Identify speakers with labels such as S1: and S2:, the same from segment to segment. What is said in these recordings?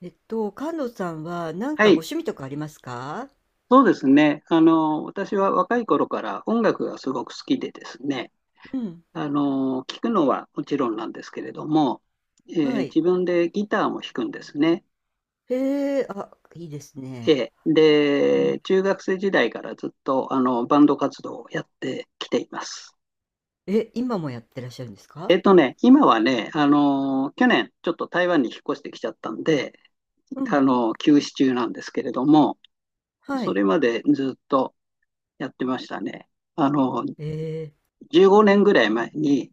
S1: 菅野さんはなん
S2: は
S1: かご
S2: い、
S1: 趣味とかありますか？
S2: そうですね。私は若い頃から音楽がすごく好きでですね、
S1: うん。
S2: 聴くのはもちろんなんですけれども、え
S1: はい。
S2: 自分でギターも弾くんですね。
S1: へえ、あ、いいですね。
S2: えー
S1: う
S2: で、
S1: ん。
S2: 中学生時代からずっとバンド活動をやってきています。
S1: え、今もやってらっしゃるんですか？
S2: 今はね、去年ちょっと台湾に引っ越してきちゃったんで、
S1: うん。
S2: 休止中なんですけれども、
S1: は
S2: そ
S1: い。
S2: れまでずっとやってましたね。あの、
S1: ええ、
S2: 15年ぐらい前に、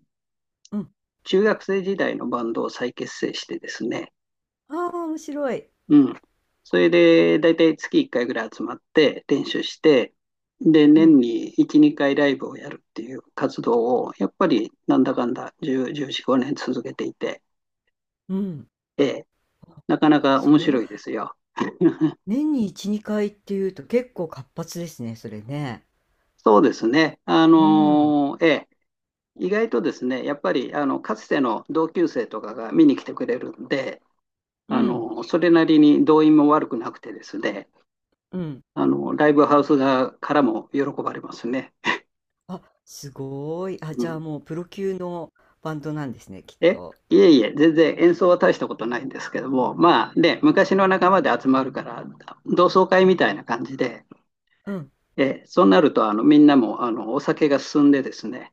S1: うん。
S2: 中学生時代のバンドを再結成してですね、
S1: ああ、面白い。
S2: うん。それで、だいたい月1回ぐらい集まって練習して、で、
S1: う
S2: 年
S1: ん。
S2: に1、2回ライブをやるっていう活動を、やっぱりなんだかんだ10、1 5年続けていて、
S1: うん。
S2: ええ、
S1: あ
S2: なかなか面
S1: そ
S2: 白
S1: う。
S2: いですよ。
S1: 年に1、2回っていうと結構活発ですね、それね。
S2: そうですね。
S1: うん。
S2: ええ、意外とですね、やっぱりかつての同級生とかが見に来てくれるんで、
S1: うん。
S2: それなりに動員も悪くなくてですね、
S1: うん。
S2: ライブハウス側からも喜ばれますね。
S1: あ、すごい。あ、
S2: う
S1: じゃあ
S2: ん。
S1: もうプロ級のバンドなんですね、きっ
S2: え
S1: と。
S2: いえいえ、全然演奏は大したことないんですけども、まあね、昔の仲間で集まるから、同窓会みたいな感じで、
S1: うん。
S2: そうなると、みんなも、お酒が進んでですね、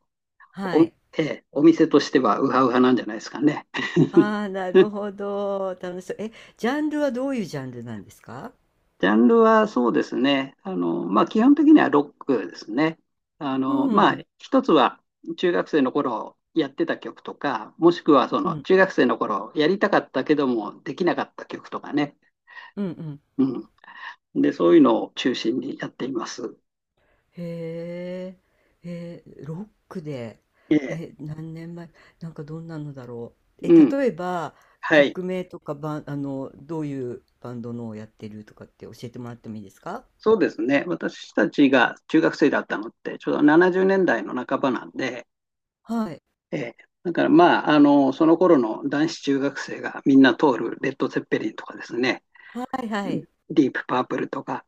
S1: は
S2: お、
S1: い。
S2: お店としてはウハウハなんじゃないですかね。
S1: あ あ、なるほど。楽しそう。え、ジャンルはどういうジャンルなんですか？
S2: ジャンルはそうですね。まあ、基本的にはロックですね。
S1: う
S2: まあ、
S1: ん。
S2: 一つは中学生の頃やってた曲とか、もしくはそ
S1: う
S2: の
S1: ん。
S2: 中学生の頃やりたかったけどもできなかった曲とかね。
S1: うんうん。
S2: うん。で、そういうのを中心にやっています。
S1: へえ。ロックで。
S2: ええ。
S1: え、何年前、なんかどんなのだろう。え、
S2: うん。
S1: 例えば、
S2: はい。
S1: 曲名とかバン、あの、どういうバンドのをやってるとかって教えてもらってもいいですか？
S2: そうですね。私たちが中学生だったのって、ちょうど70年代の半ばなんで、
S1: はい。
S2: ええ。だからまあ、その頃の男子中学生がみんな通るレッド・ゼッペリンとかですね。
S1: はいはい。
S2: ディープパープルとか、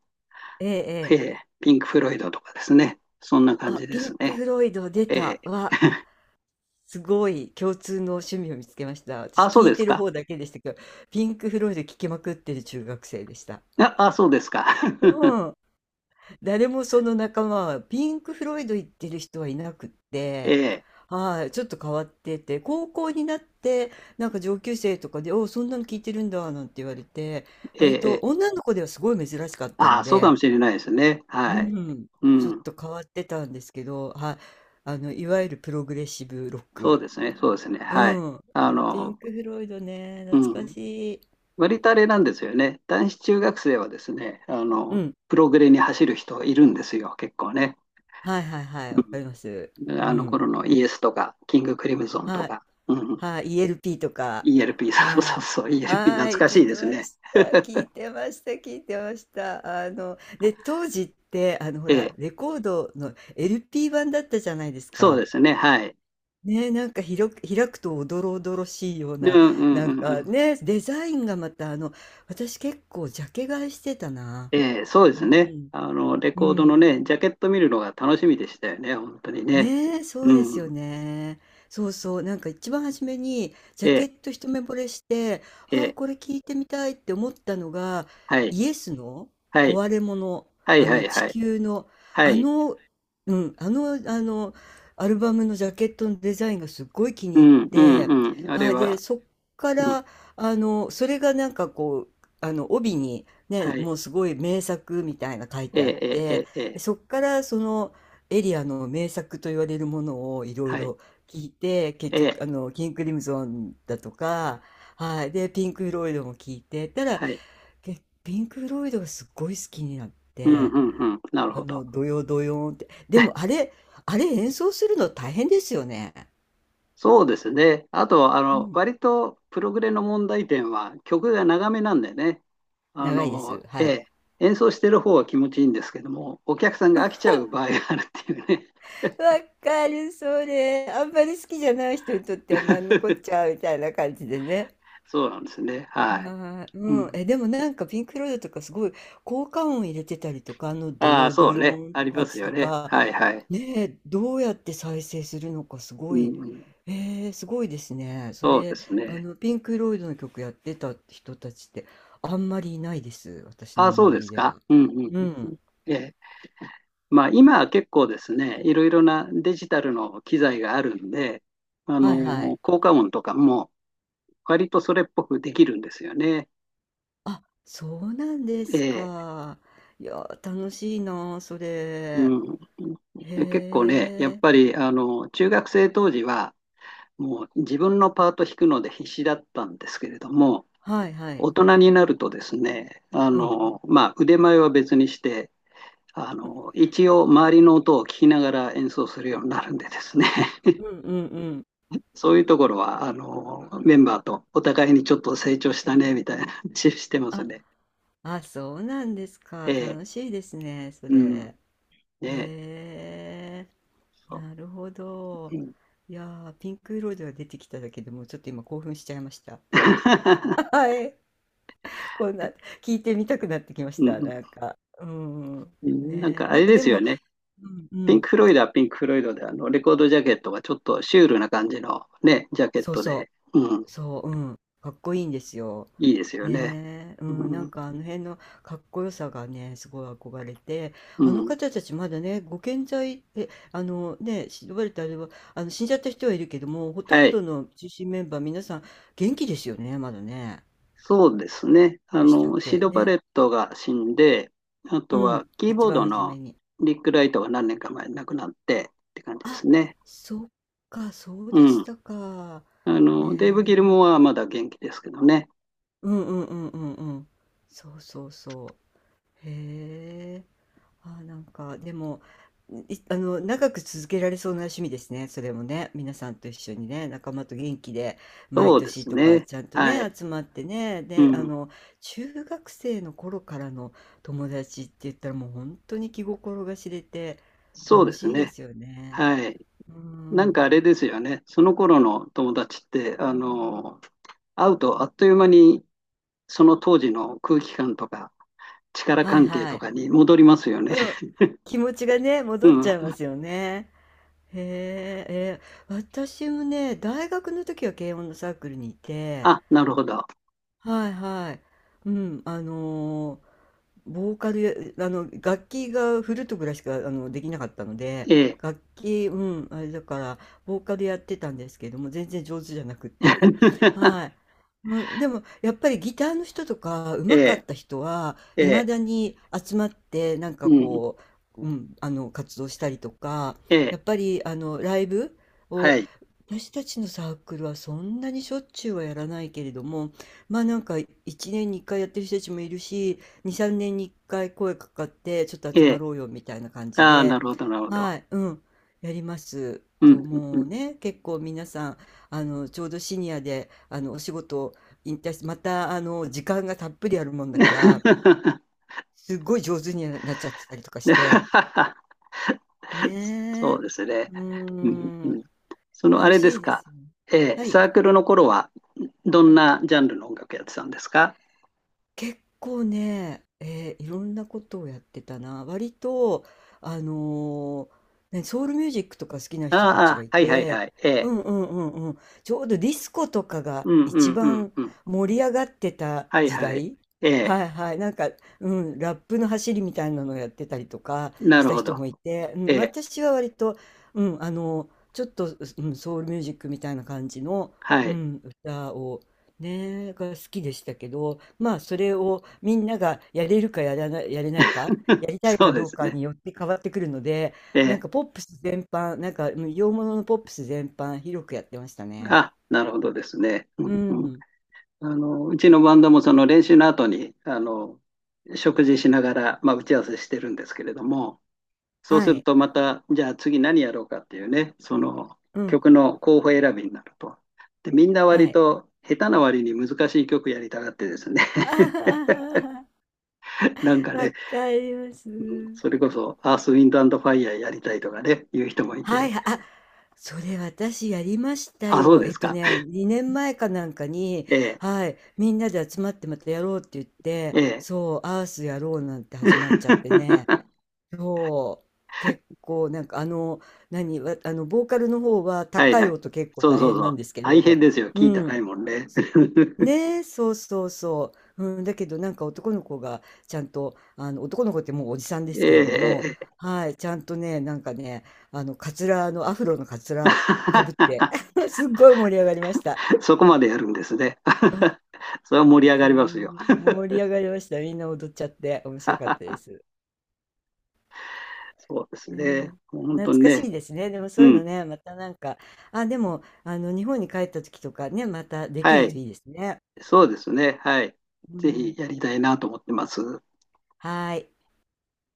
S1: ええ、え
S2: え
S1: え。
S2: ーピンク・フロイドとかですね。そんな感
S1: あ、
S2: じで
S1: ピ
S2: す
S1: ンク・
S2: ね。
S1: フロイド出
S2: えー
S1: た。わ、すごい共通の趣味を見つけました。私
S2: あ、そう
S1: 聞い
S2: です
S1: てる
S2: か。
S1: 方だけでしたけど、ピンク・フロイド聴きまくってる中学生でした。
S2: あ、あそうですか。
S1: うん、誰もその仲間はピンク・フロイド行ってる人はいなくっ
S2: えー
S1: て、
S2: え
S1: はい、ちょっと変わってて、高校になってなんか上級生とかで、おうそんなの聞いてるんだなんて言われて、
S2: ー
S1: 割と
S2: えー
S1: 女の子ではすごい珍しかったの
S2: あ、そうか
S1: で、
S2: もしれないですね。
S1: う
S2: はい。
S1: ん、
S2: う
S1: ちょっ
S2: ん。
S1: と変わってたんですけど、はい、あのいわゆるプログレッシブロッ
S2: そうで
S1: ク。
S2: すね。そうですね。
S1: う
S2: はい。
S1: ん。
S2: あ
S1: いやピン
S2: の、
S1: ク・フロイドね、
S2: う
S1: 懐か
S2: ん。
S1: しい。
S2: 割とあれなんですよね。男子中学生はですね、
S1: うん。
S2: プログレに走る人いるんですよ、結構ね。
S1: はいはいはい、わかります。
S2: うん。
S1: う
S2: あの
S1: ん。
S2: 頃のイエスとか、キング・クリムゾンと
S1: はい。
S2: か。うん。
S1: はい。イーエル l p とか。
S2: ELP、そうそ
S1: は
S2: うそう、
S1: い。
S2: ELP、懐
S1: はい。
S2: か
S1: 聞
S2: し
S1: い
S2: いで
S1: て
S2: す
S1: ま
S2: ね。
S1: した。聞いてました。聞いてました。あの、で、当時って、あの、ほ
S2: え
S1: ら、
S2: え、
S1: レコードの LP 版だったじゃないです
S2: そう
S1: か。
S2: ですね、はい。
S1: ね、なんか広く、開くとおどろおどろしいよう
S2: うん
S1: な、
S2: うん
S1: な
S2: う
S1: ん
S2: んう
S1: か
S2: ん。
S1: ね、デザインがまた、あの、私結構ジャケ買いしてたな。
S2: ええ、そうで
S1: う
S2: すね。
S1: ん。
S2: レ
S1: う
S2: コードの
S1: ん。
S2: ね、ジャケット見るのが楽しみでしたよね、本当にね。
S1: ね、そう
S2: う
S1: ですよ
S2: ん。
S1: ね。そうそう。なんか一番初めにジ
S2: え
S1: ャケ
S2: え、
S1: ット一目惚れして、
S2: え
S1: ああ、
S2: え、
S1: これ聞いてみたいって思ったのが、
S2: はい、
S1: イエスの
S2: はい、
S1: 壊れ物、
S2: はい
S1: あ
S2: は
S1: の
S2: い
S1: 地
S2: はい、
S1: 球の、
S2: は
S1: あ
S2: い。
S1: の、うん、あの、あの、アルバムのジャケットのデザインがすっごい気
S2: う
S1: に入っ
S2: んう
S1: て、
S2: んうん。あ
S1: あ
S2: れ
S1: あ、で、
S2: は、
S1: そっか
S2: うん、
S1: ら、あの、それがなんかこう、あの、帯にね、
S2: はい。
S1: もうすごい名作みたいな書い
S2: え
S1: てあっ
S2: え、ええ、え
S1: て、
S2: え、ええ
S1: そっからその、エリアの名作と言われるものをいろい
S2: はい、
S1: ろ聞いて、結
S2: え
S1: 局、
S2: え、
S1: あの、キング・クリムゾンだとか、はい、で、ピンク・フロイドも聞いて、たら
S2: はい。
S1: けピンク・フロイドがすごい好きになっ
S2: うん
S1: て、
S2: うんうん。なる
S1: あ
S2: ほど。
S1: の、ドヨドヨーンって、でもあれ、あれ演奏するの大変ですよね。
S2: そうですね。あと、
S1: うん、
S2: 割とプログレの問題点は曲が長めなんでね。
S1: 長いです。
S2: え
S1: はい。
S2: え、演奏してる方は気持ちいいんですけども、お客さんが飽きちゃう場合があるっていうね。
S1: わかる、それ。あんまり好きじゃない人にとっては何のこっ ちゃみたいな感じでね。
S2: そうなんですね。はい。
S1: はい、
S2: う
S1: うん、
S2: ん、
S1: え、でもなんかピンク・フロイドとかすごい効果音入れてたりとか、あのド
S2: ああ、
S1: ヨ
S2: そ
S1: ド
S2: う
S1: ヨ
S2: ね。
S1: ンっ
S2: あ
S1: て
S2: りま
S1: 感
S2: す
S1: じ
S2: よ
S1: と
S2: ね。
S1: か、
S2: はいはい。
S1: ねえ、どうやって再生するのかす
S2: う
S1: ご
S2: ん
S1: い、
S2: うん、
S1: すごいですね。そ
S2: そうで
S1: れ、
S2: す
S1: あ
S2: ね。
S1: のピンク・フロイドの曲やってた人たちってあんまりいないです、私
S2: あ
S1: の
S2: あ、そう
S1: 周
S2: で
S1: り
S2: す
S1: で
S2: か。
S1: は。
S2: うんう
S1: う
S2: んうん。
S1: ん、
S2: ええ。まあ、今は結構ですね、いろいろなデジタルの機材があるんで、
S1: はいはい。
S2: 効果音とかも割とそれっぽくできるんですよね。
S1: あ、そうなんで
S2: え
S1: す
S2: え。
S1: か。いや、楽しいな、それ。
S2: うん、で結
S1: へ
S2: 構ね、やっ
S1: え、
S2: ぱり中学生当時は、もう自分のパート弾くので必死だったんですけれども、
S1: はいはい。
S2: 大人になるとですね、
S1: うん、
S2: まあ、腕前は別にして、一応、周りの音を聞きながら演奏するようになるんでですね、
S1: うんうんうん。
S2: そういうところはメンバーとお互いにちょっと成長したねみたいな話してます
S1: あ、
S2: ね。
S1: あ、そうなんですか。
S2: ええ
S1: 楽しいですね、そ
S2: うん
S1: れ。
S2: ねえ
S1: へえ、
S2: そ
S1: なるほ
S2: う
S1: ど。
S2: うん
S1: いやー、ピンク色では出てきただけでもうちょっと今興奮しちゃいました。はい。こんな、聞いてみたくなってきまし
S2: う
S1: た、
S2: ん
S1: なんか。うん。
S2: うんなん
S1: ねえ、
S2: かあ
S1: なん
S2: れ
S1: か
S2: で
S1: で
S2: すよ
S1: も、
S2: ね。
S1: うん、う
S2: ピンク・
S1: ん。
S2: フロイドはピンク・フロイドで、レコードジャケットがちょっとシュールな感じのね、ジャケッ
S1: そう
S2: ト
S1: そ
S2: で、うん、
S1: う。そう、うん、かっこいいんですよ。
S2: いいですよね。
S1: ねえ、うん、な
S2: う
S1: ん
S2: ん、
S1: かあの辺のかっこよさがね、すごい憧れて、
S2: う
S1: あの
S2: ん、
S1: 方たちまだね、ご健在、え、あのね、呼ばれたあれは、あの死んじゃった人はいるけども、ほと
S2: は
S1: んど
S2: い。
S1: の中心メンバー、皆さん元気ですよね、まだね。
S2: そうですね。
S1: でしたっ
S2: シー
S1: け
S2: ド・バ
S1: ね。
S2: レットが死んで、あ
S1: う
S2: と
S1: ん、
S2: はキー
S1: 一
S2: ボー
S1: 番
S2: ド
S1: 初め
S2: の
S1: に。
S2: リック・ライトが何年か前に亡くなってって感じで
S1: あ、
S2: すね。
S1: そっか、そう
S2: う
S1: でし
S2: ん。
S1: たか。
S2: デイブ・
S1: ね
S2: ギル
S1: え。
S2: モアはまだ元気ですけどね。
S1: うんうんうんうんうん。そうそうそう。へえ。ああ、なんか、でも、いあの、長く続けられそうな趣味ですね、それもね。皆さんと一緒にね、仲間と元気で、毎
S2: そうで
S1: 年
S2: す
S1: とか、
S2: ね。
S1: ちゃんと
S2: は
S1: ね、
S2: い。
S1: 集まってね。
S2: う
S1: で、あ
S2: ん。
S1: の、中学生の頃からの友達って言ったら、もう本当に気心が知れて、
S2: そう
S1: 楽
S2: です
S1: しいで
S2: ね。
S1: すよね。
S2: はい。
S1: う
S2: なん
S1: ん。
S2: かあれですよね。その頃の友達って、会うとあっという間にその当時の空気感とか力
S1: はい
S2: 関係
S1: は
S2: と
S1: い。
S2: かに戻りますよね。
S1: うん。気持ちがね、
S2: う
S1: 戻っちゃいま
S2: ん。
S1: すよね。へえ、私もね、大学の時は軽音のサークルにいて、
S2: あ、なるほど。
S1: はいはい。うん、あのボーカルや、あの、楽器がフルートぐらいしか、あの、できなかったので、
S2: ええ。
S1: 楽器、うん、あれだから、ボーカルやってたんですけども、全然上手じゃなくって。はい。うん、でも、やっぱりギターの人とか、
S2: え
S1: 上手かっ
S2: え、
S1: た人は、
S2: え
S1: いま
S2: え、
S1: だに集まって、なんか
S2: うん、
S1: こう、うん、あの、活動したりとか、
S2: え
S1: や
S2: え、
S1: っぱり、あの、ライブ
S2: は
S1: を、
S2: い、
S1: 私たちのサークルはそんなにしょっちゅうはやらないけれども、まあなんか1年に1回やってる人たちもいるし、2、3年に1回声かかって、ちょっと集
S2: え
S1: ま
S2: え。
S1: ろうよみたいな感じ
S2: ああ、な
S1: で、
S2: るほど、なるほど。
S1: はい、うん、やります。
S2: う
S1: と、
S2: ん、うん、う
S1: もう
S2: ん。
S1: ね、結構皆さん、あの、ちょうどシニアで、あの、お仕事を引退して、また、あの、時間がたっぷりあるもんだから、すっごい上手になっちゃってたりとかし
S2: で
S1: て。ね
S2: そう
S1: え。
S2: ですね。
S1: うー
S2: うん、う
S1: ん、
S2: ん。そのあ
S1: 楽
S2: れで
S1: し
S2: す
S1: いです
S2: か。
S1: よね。
S2: ええ、
S1: はい。
S2: サークルの頃はどんなジャンルの音楽やってたんですか？
S1: 結構ね、いろんなことをやってたな。割と、あのね、ソウルミュージックとか好きな
S2: あ
S1: 人た
S2: あ、あ
S1: ちが
S2: あ
S1: い
S2: はいはい
S1: て、
S2: はい。え
S1: う
S2: え、
S1: んうんうんうん。ちょうどディスコとかが
S2: うん、う
S1: 一
S2: ん、うん、
S1: 番
S2: うん。
S1: 盛り上がってた
S2: はい
S1: 時
S2: はい。
S1: 代。
S2: ええ、
S1: はいはい。なんか、うん、ラップの走りみたいなのをやってたりとか
S2: な
S1: し
S2: る
S1: た
S2: ほ
S1: 人
S2: ど。
S1: もいて、う
S2: え
S1: ん、
S2: え、
S1: 私は割と、うん、あの、ちょっと、うん、ソウルミュージックみたいな感じの、
S2: は
S1: う
S2: い。
S1: ん、歌をねえ、が好きでしたけど、まあそれをみんながやれるかやらない、やれないか、や りたい
S2: そ
S1: か
S2: うで
S1: どう
S2: す
S1: か
S2: ね。
S1: によって変わってくるので、
S2: え
S1: なん
S2: え、
S1: かポップス全般、なんかうん洋物のポップス全般広くやってましたね。
S2: あ、なるほどですね。う
S1: う
S2: んうん、
S1: ん。
S2: うちのバンドもその練習の後に、食事しながら、まあ、打ち合わせしてるんですけれども、そう
S1: は
S2: する
S1: い。
S2: とまた、じゃあ次何やろうかっていうね、その
S1: うん。
S2: 曲の候補選びになると。で、みんな
S1: は
S2: 割
S1: い。
S2: と下手な割に難しい曲やりたがってですね、
S1: あはははは
S2: なんか
S1: わ
S2: ね、
S1: かります。
S2: うんそれこそアース、ウィンド、アンド、ファイヤーやりたいとかね、いう人もい
S1: はい、
S2: て、
S1: あ、それ私やりました
S2: あ、そう
S1: よ。
S2: ですか。
S1: 2年前かなんかに、
S2: え
S1: はい、みんなで集まってまたやろうって言って、
S2: え、ええ。
S1: そう、アースやろうなんて始まっちゃってね、そう、結構なんかあの、ボーカルの方は
S2: はい
S1: 高い
S2: はい。
S1: 音結構
S2: そう
S1: 大
S2: そう
S1: 変
S2: そ
S1: なん
S2: う。
S1: ですけ
S2: 大変
S1: ど、
S2: ですよ。
S1: う
S2: キー高い
S1: ん、
S2: もんね。
S1: ねえ、そうそうそう。うん、だけどなんか男の子がちゃんと、あの男の子ってもうおじさんです
S2: え
S1: けれども、
S2: え、え
S1: はい、ちゃんとね、なんかね、あの、カツラの、アフロのカツ
S2: え。
S1: ラかぶって、すっごい盛り上がりました。
S2: そこまでやるんですね。
S1: うん、
S2: それは盛り上が
S1: う
S2: りますよ。
S1: ん盛り上がりました。みんな踊っちゃって、面白かったです。
S2: そうですね。
S1: ねえ、
S2: 本
S1: 懐
S2: 当に
S1: かし
S2: ね。
S1: いですね。でもそ
S2: う
S1: ういうの
S2: ん。
S1: ね、またなんか、あ、でも、あの、日本に帰った時とかね、またでき
S2: は
S1: る
S2: い。
S1: といいですね。
S2: そうですね。はい。
S1: う
S2: ぜ
S1: ん、
S2: ひやりたいなと思ってます。
S1: はい。